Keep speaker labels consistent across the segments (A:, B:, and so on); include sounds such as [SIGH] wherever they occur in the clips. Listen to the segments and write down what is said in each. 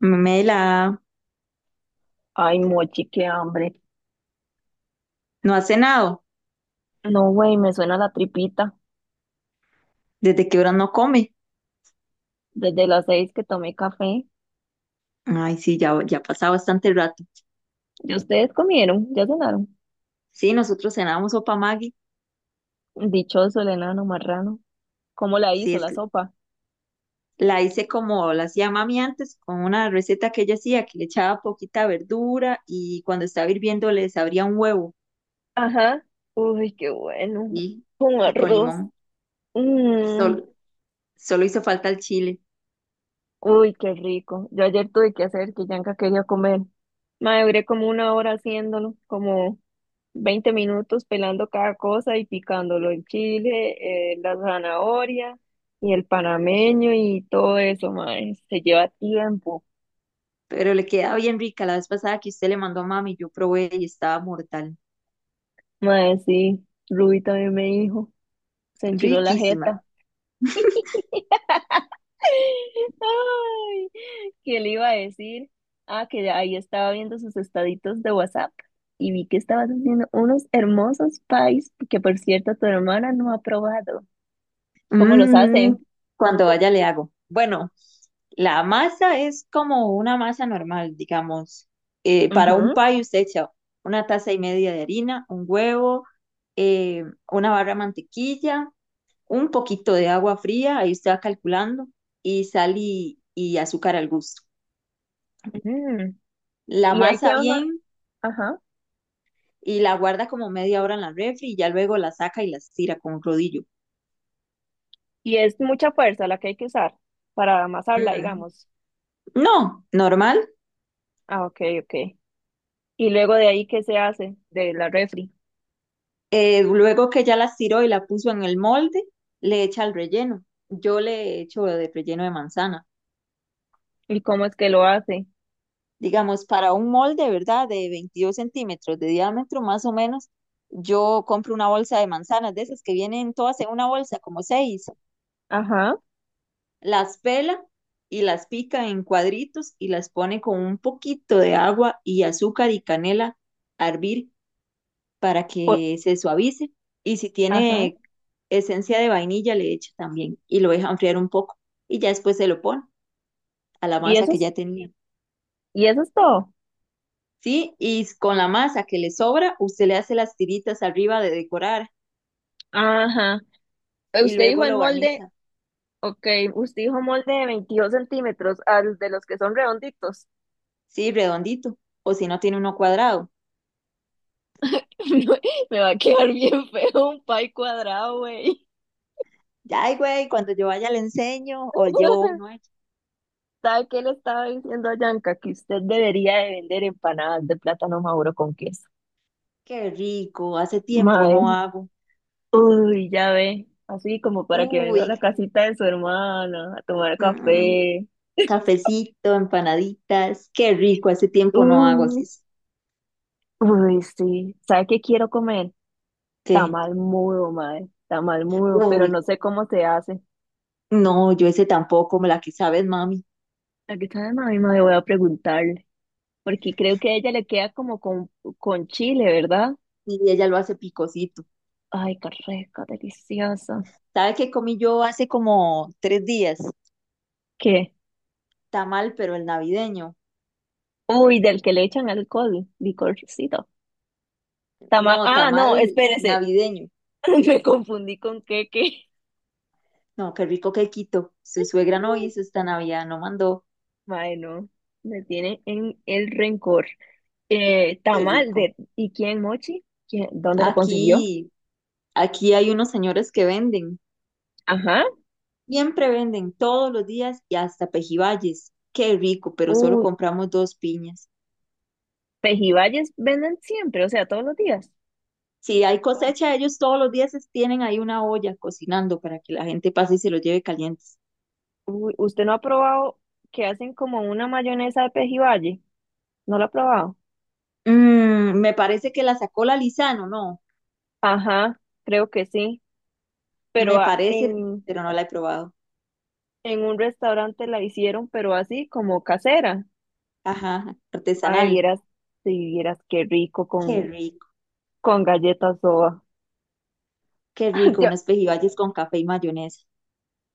A: Mela,
B: Ay, mochi, qué hambre.
A: no ha cenado.
B: No, güey, me suena la tripita.
A: ¿Desde qué hora no come?
B: Desde las 6 que tomé café.
A: Ay, sí, ya, ya ha pasado bastante rato.
B: ¿Y ustedes comieron? ¿Ya cenaron?
A: Sí, nosotros cenábamos sopa Maggi.
B: Dichoso el enano marrano. ¿Cómo la
A: Sí,
B: hizo
A: es
B: la
A: que
B: sopa?
A: la hice como la hacía mami antes, con una receta que ella hacía, que le echaba poquita verdura y cuando estaba hirviendo le abría un huevo
B: Ajá. Uy, qué bueno.
A: y,
B: Con
A: y con
B: arroz.
A: limón.
B: Mm,
A: Solo, solo hizo falta el chile,
B: uy, qué rico. Yo ayer tuve que hacer que Yanka quería comer. Me duré como una hora haciéndolo, como 20 minutos pelando cada cosa y picándolo, el chile, la zanahoria y el panameño y todo eso, mae, se lleva tiempo,
A: pero le queda bien rica. La vez pasada que usted le mandó a mami, yo probé y estaba mortal.
B: mae, sí, Ruby también me dijo, se enchiló la
A: Riquísima.
B: jeta,
A: [LAUGHS]
B: [LAUGHS] ay, ¿qué le iba a decir? Ah, que ahí estaba viendo sus estaditos de WhatsApp y vi que estabas haciendo unos hermosos pies que, por cierto, tu hermana no ha probado. ¿Cómo los
A: Mm,
B: hace?
A: cuando vaya le hago. Bueno, la masa es como una masa normal, digamos. Para un
B: Ujú,
A: pie usted echa una taza y media de harina, un huevo, eh, una barra de mantequilla, un poquito de agua fría, ahí usted va calculando, y sal y azúcar al gusto.
B: ujú.
A: La
B: Y hay que
A: masa
B: ama,
A: bien
B: ajá.
A: y la guarda como media hora en la refri y ya luego la saca y la estira con un rodillo.
B: Y es mucha fuerza la que hay que usar para amasarla,
A: Mm,
B: digamos.
A: no, normal.
B: Ah, ok, ok. Y luego de ahí, ¿qué se hace de la refri?
A: Luego que ya la estiró y la puso en el molde, le echa el relleno. Yo le echo de relleno de manzana.
B: ¿Y cómo es que lo hace?
A: Digamos, para un molde, ¿verdad? De 22 cm de diámetro, más o menos, yo compro una bolsa de manzanas, de esas que vienen todas en una bolsa, como seis.
B: Ajá,
A: Las pela y las pica en cuadritos y las pone con un poquito de agua y azúcar y canela a hervir para
B: por-
A: que se suavice. Y si
B: ajá.
A: tiene esencia de vainilla, le echa también y lo deja enfriar un poco. Y ya después se lo pone a la
B: ¿Y
A: masa
B: eso
A: que
B: es,
A: ya tenía.
B: y eso es todo?
A: Sí, y con la masa que le sobra, usted le hace las tiritas arriba de decorar
B: Ajá.
A: y
B: Usted
A: luego
B: dijo en
A: lo
B: molde,
A: barniza.
B: ok, usted dijo molde de 22 centímetros, al de los que son redonditos.
A: Sí, redondito. O si no tiene uno cuadrado.
B: [LAUGHS] Me va a quedar bien feo un pie cuadrado, güey.
A: Ya, ay, güey, cuando yo vaya le enseño o llevo
B: [LAUGHS]
A: uno hecho.
B: ¿Sabe qué le estaba diciendo a Yanka? Que usted debería de vender empanadas de plátano maduro con queso.
A: Qué rico, hace tiempo no
B: Mae,
A: hago.
B: uy, ya ve, así como para que venga a
A: Uy,
B: la casita de su hermana a tomar
A: mm,
B: café. [LAUGHS]
A: cafecito, empanaditas. Qué rico, hace tiempo no hago
B: Uh,
A: así.
B: uy, sí. ¿Sabe qué quiero comer?
A: ¿Qué?
B: Tamal mudo, mae, tamal mudo, pero
A: Uy,
B: no sé cómo se hace.
A: no, yo ese tampoco, me la que sabes, mami.
B: Aquí está de mami, mae, voy a preguntarle, porque creo que a ella le queda como con, chile, ¿verdad?
A: Y ella lo hace picosito.
B: Ay, qué rica, deliciosa.
A: ¿Sabe qué comí yo hace como 3 días?
B: ¿Qué?
A: Tamal, pero el navideño.
B: Uy, del que le echan alcohol, licorcito. Tama
A: No,
B: ah,
A: tamal
B: no, espérese.
A: navideño.
B: [LAUGHS] Me confundí con queque.
A: No, qué rico quequito. Su suegra no hizo esta Navidad, no mandó.
B: Mae, no, me tiene en el rencor.
A: Qué
B: Tamal
A: rico.
B: de, ¿y quién, Mochi? ¿Quién, dónde la consiguió?
A: Aquí, aquí hay unos señores que venden.
B: Ajá.
A: Siempre venden todos los días y hasta pejibayes. Qué rico, pero solo
B: Uy,
A: compramos dos piñas.
B: pejibayes venden siempre, o sea, todos los días.
A: Si hay cosecha, ellos todos los días tienen ahí una olla cocinando para que la gente pase y se los lleve calientes.
B: Uy, ¿usted no ha probado que hacen como una mayonesa de pejibaye? ¿No lo ha probado?
A: Me parece que la sacó la Lizano, no,
B: Ajá, creo que sí, pero
A: me parece,
B: en,
A: pero no la he probado.
B: en un restaurante la hicieron, pero así como casera.
A: Ajá,
B: Mae,
A: artesanal.
B: vieras, si vieras qué rico
A: Qué
B: con,
A: rico,
B: con galletas soda.
A: qué rico, unos
B: [LAUGHS]
A: pejibayes con café y mayonesa.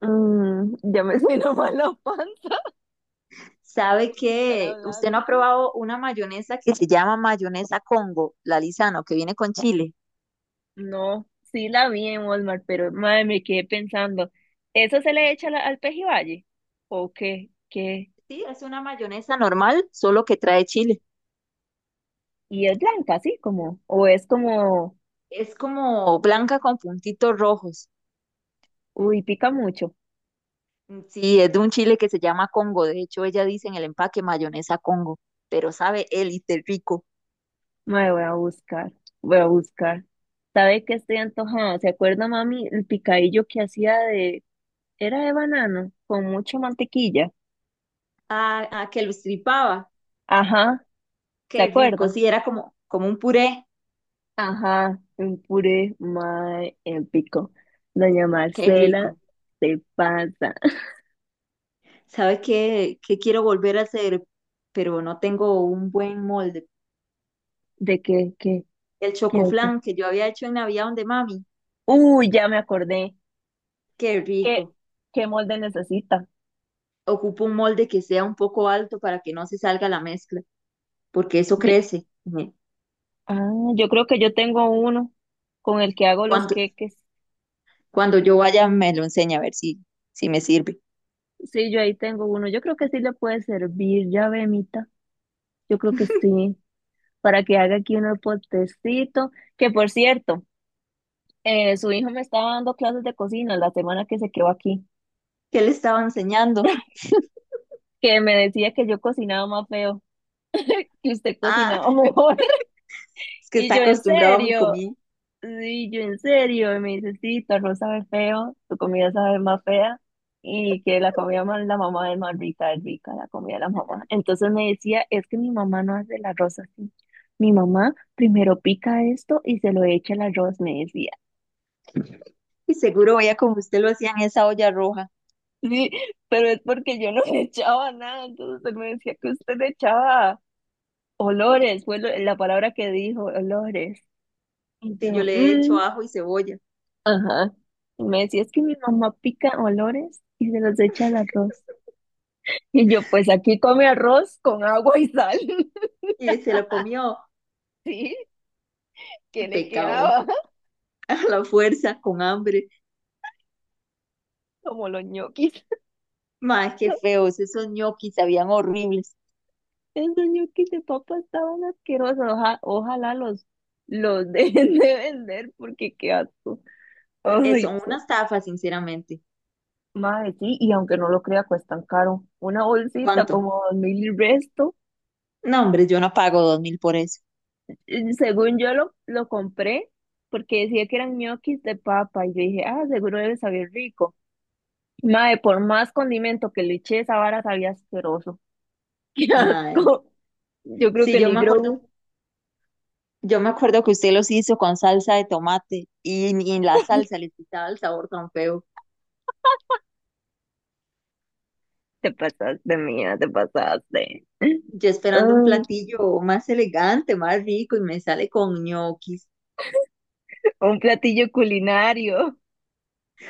B: Mm, ya me [LAUGHS] siento mal la panza
A: ¿Sabe
B: [LAUGHS] estar
A: que usted no ha
B: hablando.
A: probado una mayonesa que se llama mayonesa Congo, la Lizano, que viene con chile?
B: No, sí la vi en Walmart, pero madre, me quedé pensando, ¿eso se le echa al pejibaye? ¿O qué? ¿Qué?
A: Sí, es una mayonesa normal, solo que trae chile.
B: Y es blanca, así como, o es como,
A: Es como blanca con puntitos rojos.
B: uy, pica mucho.
A: Sí, es de un chile que se llama Congo. De hecho, ella dice en el empaque mayonesa Congo, pero sabe élite rico.
B: Madre, voy a buscar. ¿Sabe qué? Estoy antojada. ¿Se acuerda, mami, el picadillo que hacía de, era de banano, con mucha mantequilla?
A: Ah, ah, que lo estripaba.
B: Ajá, ¿se
A: Qué rico.
B: acuerda?
A: Sí, era como, como un puré.
B: Ajá, un puré más épico. Doña
A: Qué
B: Marcela,
A: rico.
B: se pasa. [LAUGHS]
A: ¿Sabe qué, quiero volver a hacer? Pero no tengo un buen molde.
B: ¿De qué, qué,
A: El
B: qué, de qué?
A: chocoflan que yo había hecho en Navidad de mami.
B: Uy, ya me acordé.
A: Qué
B: ¿Qué,
A: rico.
B: qué molde necesita?
A: Ocupo un molde que sea un poco alto para que no se salga la mezcla, porque eso
B: Ye-
A: crece.
B: ah, yo creo que yo tengo uno con el que hago los
A: Cuando,
B: queques.
A: cuando yo vaya me lo enseña a ver si me sirve.
B: Sí, yo ahí tengo uno. Yo creo que sí le puede servir, ya ve, Mita. Yo creo que sí, para que haga aquí un potecito. Que, por cierto, su hijo me estaba dando clases de cocina la semana que se quedó aquí.
A: ¿Qué le estaba enseñando?
B: Que me decía que yo cocinaba más feo, que usted
A: Ah,
B: cocinaba mejor. [LAUGHS]
A: es que
B: Y
A: está
B: yo, ¿en
A: acostumbrado a mi
B: serio?
A: comida
B: Sí, yo, ¿en serio? Y me dice, sí, tu arroz sabe feo, tu comida sabe más fea, y que la comida más la mamá es más rica, es rica la comida de la mamá. Entonces me decía, es que mi mamá no hace el arroz así. Mi mamá primero pica esto y se lo echa al arroz, me decía.
A: y seguro veía como usted lo hacía en esa olla roja.
B: Sí, pero es porque yo no le echaba nada, entonces él me decía que usted le echaba olores, fue la palabra que dijo, olores. Y
A: Si yo
B: yo,
A: le he hecho
B: "Mm,
A: ajo y cebolla
B: ajá". Y me decía, es que mi mamá pica olores y se los echa al arroz.
A: [LAUGHS]
B: Y yo, pues aquí come arroz con agua y sal. [LAUGHS]
A: y se lo comió,
B: Sí, que le
A: pecado,
B: quedaba [LAUGHS]
A: [LAUGHS] a la fuerza, con hambre.
B: como los ñoquis.
A: Más qué
B: [LAUGHS]
A: feos, esos ñoquis sabían horribles.
B: Esos ñoquis de papa estaban asquerosos. Ojalá los [LAUGHS] dejen de vender, porque qué asco.
A: Eh,
B: Ay,
A: Son una estafa, sinceramente.
B: madre, sí, y aunque no lo crea, cuestan caro. Una bolsita
A: ¿Cuánto?
B: como 2000 y resto.
A: No, hombre, yo no pago 2000 por eso.
B: Según yo lo compré porque decía que eran ñoquis de papa, y yo dije, ah, seguro debe saber rico. Mae, por más condimento que le eché, esa vara sabía asqueroso. [LAUGHS] ¡Qué
A: Mae,
B: asco! Yo creo
A: sí,
B: que
A: yo
B: ni
A: me acuerdo,
B: Grogu.
A: yo me acuerdo que usted los hizo con salsa de tomate y la salsa le quitaba el sabor tan feo.
B: Te pasaste, mía, te pasaste. [LAUGHS]
A: Yo esperando un
B: Ah,
A: platillo más elegante, más rico y me sale con ñoquis,
B: un platillo culinario.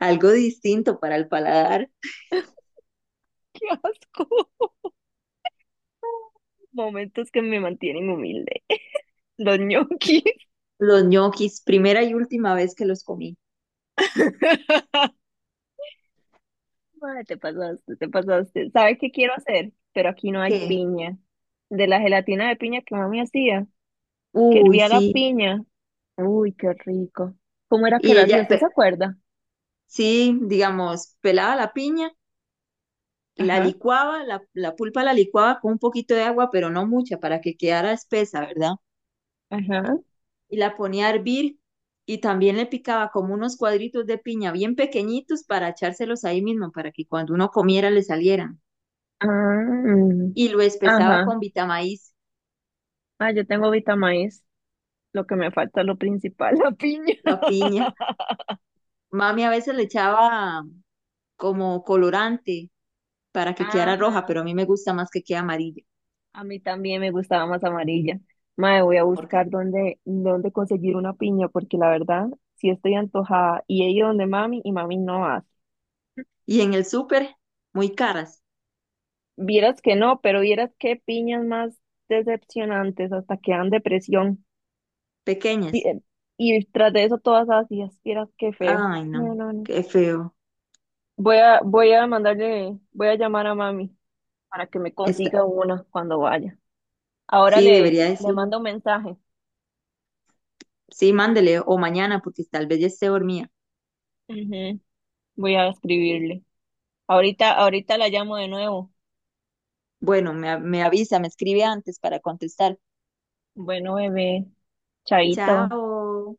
A: algo distinto para el paladar.
B: [LAUGHS] ¡Qué asco! Momentos que me mantienen humilde. Los ñoquis.
A: Los ñoquis, primera y última vez que los comí.
B: [LAUGHS] Madre, te pasaste, te pasaste. ¿Sabes qué quiero hacer? Pero aquí no hay
A: ¿Qué?
B: piña. De la gelatina de piña que mami hacía, que
A: Uy,
B: hervía la
A: sí.
B: piña. Uy, qué rico. ¿Cómo era que
A: Y
B: la hacía?
A: ella,
B: ¿Usted se acuerda?
A: sí, digamos, pelaba la piña, la
B: Ajá,
A: licuaba, la pulpa la licuaba con un poquito de agua, pero no mucha, para que quedara espesa, ¿verdad?
B: ajá.
A: Y la ponía a hervir y también le picaba como unos cuadritos de piña bien pequeñitos para echárselos ahí mismo, para que cuando uno comiera le salieran.
B: Ah, mm,
A: Y lo espesaba
B: ajá.
A: con vitamaíz,
B: Ah, yo tengo Vita Maíz. Lo que me falta es lo principal, [LAUGHS] la piña.
A: la piña. Mami a veces le echaba como colorante para que quedara roja,
B: Ajá.
A: pero a mí me gusta más que quede amarilla.
B: A mí también me gustaba más amarilla. Mae, voy a
A: porque-
B: buscar dónde conseguir una piña, porque la verdad, sí estoy antojada. Y he ido donde mami y mami no hace.
A: Y en el súper, muy caras,
B: Vieras que no, pero vieras qué piñas más decepcionantes, hasta que dan depresión. Y,
A: pequeñas.
B: eh, y tras de eso, todas ácidas, vieras qué feo.
A: Ay, no,
B: No, no, no.
A: qué feo.
B: Voy a mandarle, voy a llamar a mami para que me
A: Está.
B: consiga una cuando vaya. Ahora
A: Sí, debería
B: le
A: decirle.
B: mando un mensaje.
A: Sí, mándele o mañana porque tal vez ya esté dormida.
B: Ujú, voy a escribirle. Ahorita la llamo de nuevo.
A: Bueno, me avisa, me escribe antes para contestar.
B: Bueno, bebé, chaito.
A: Chao.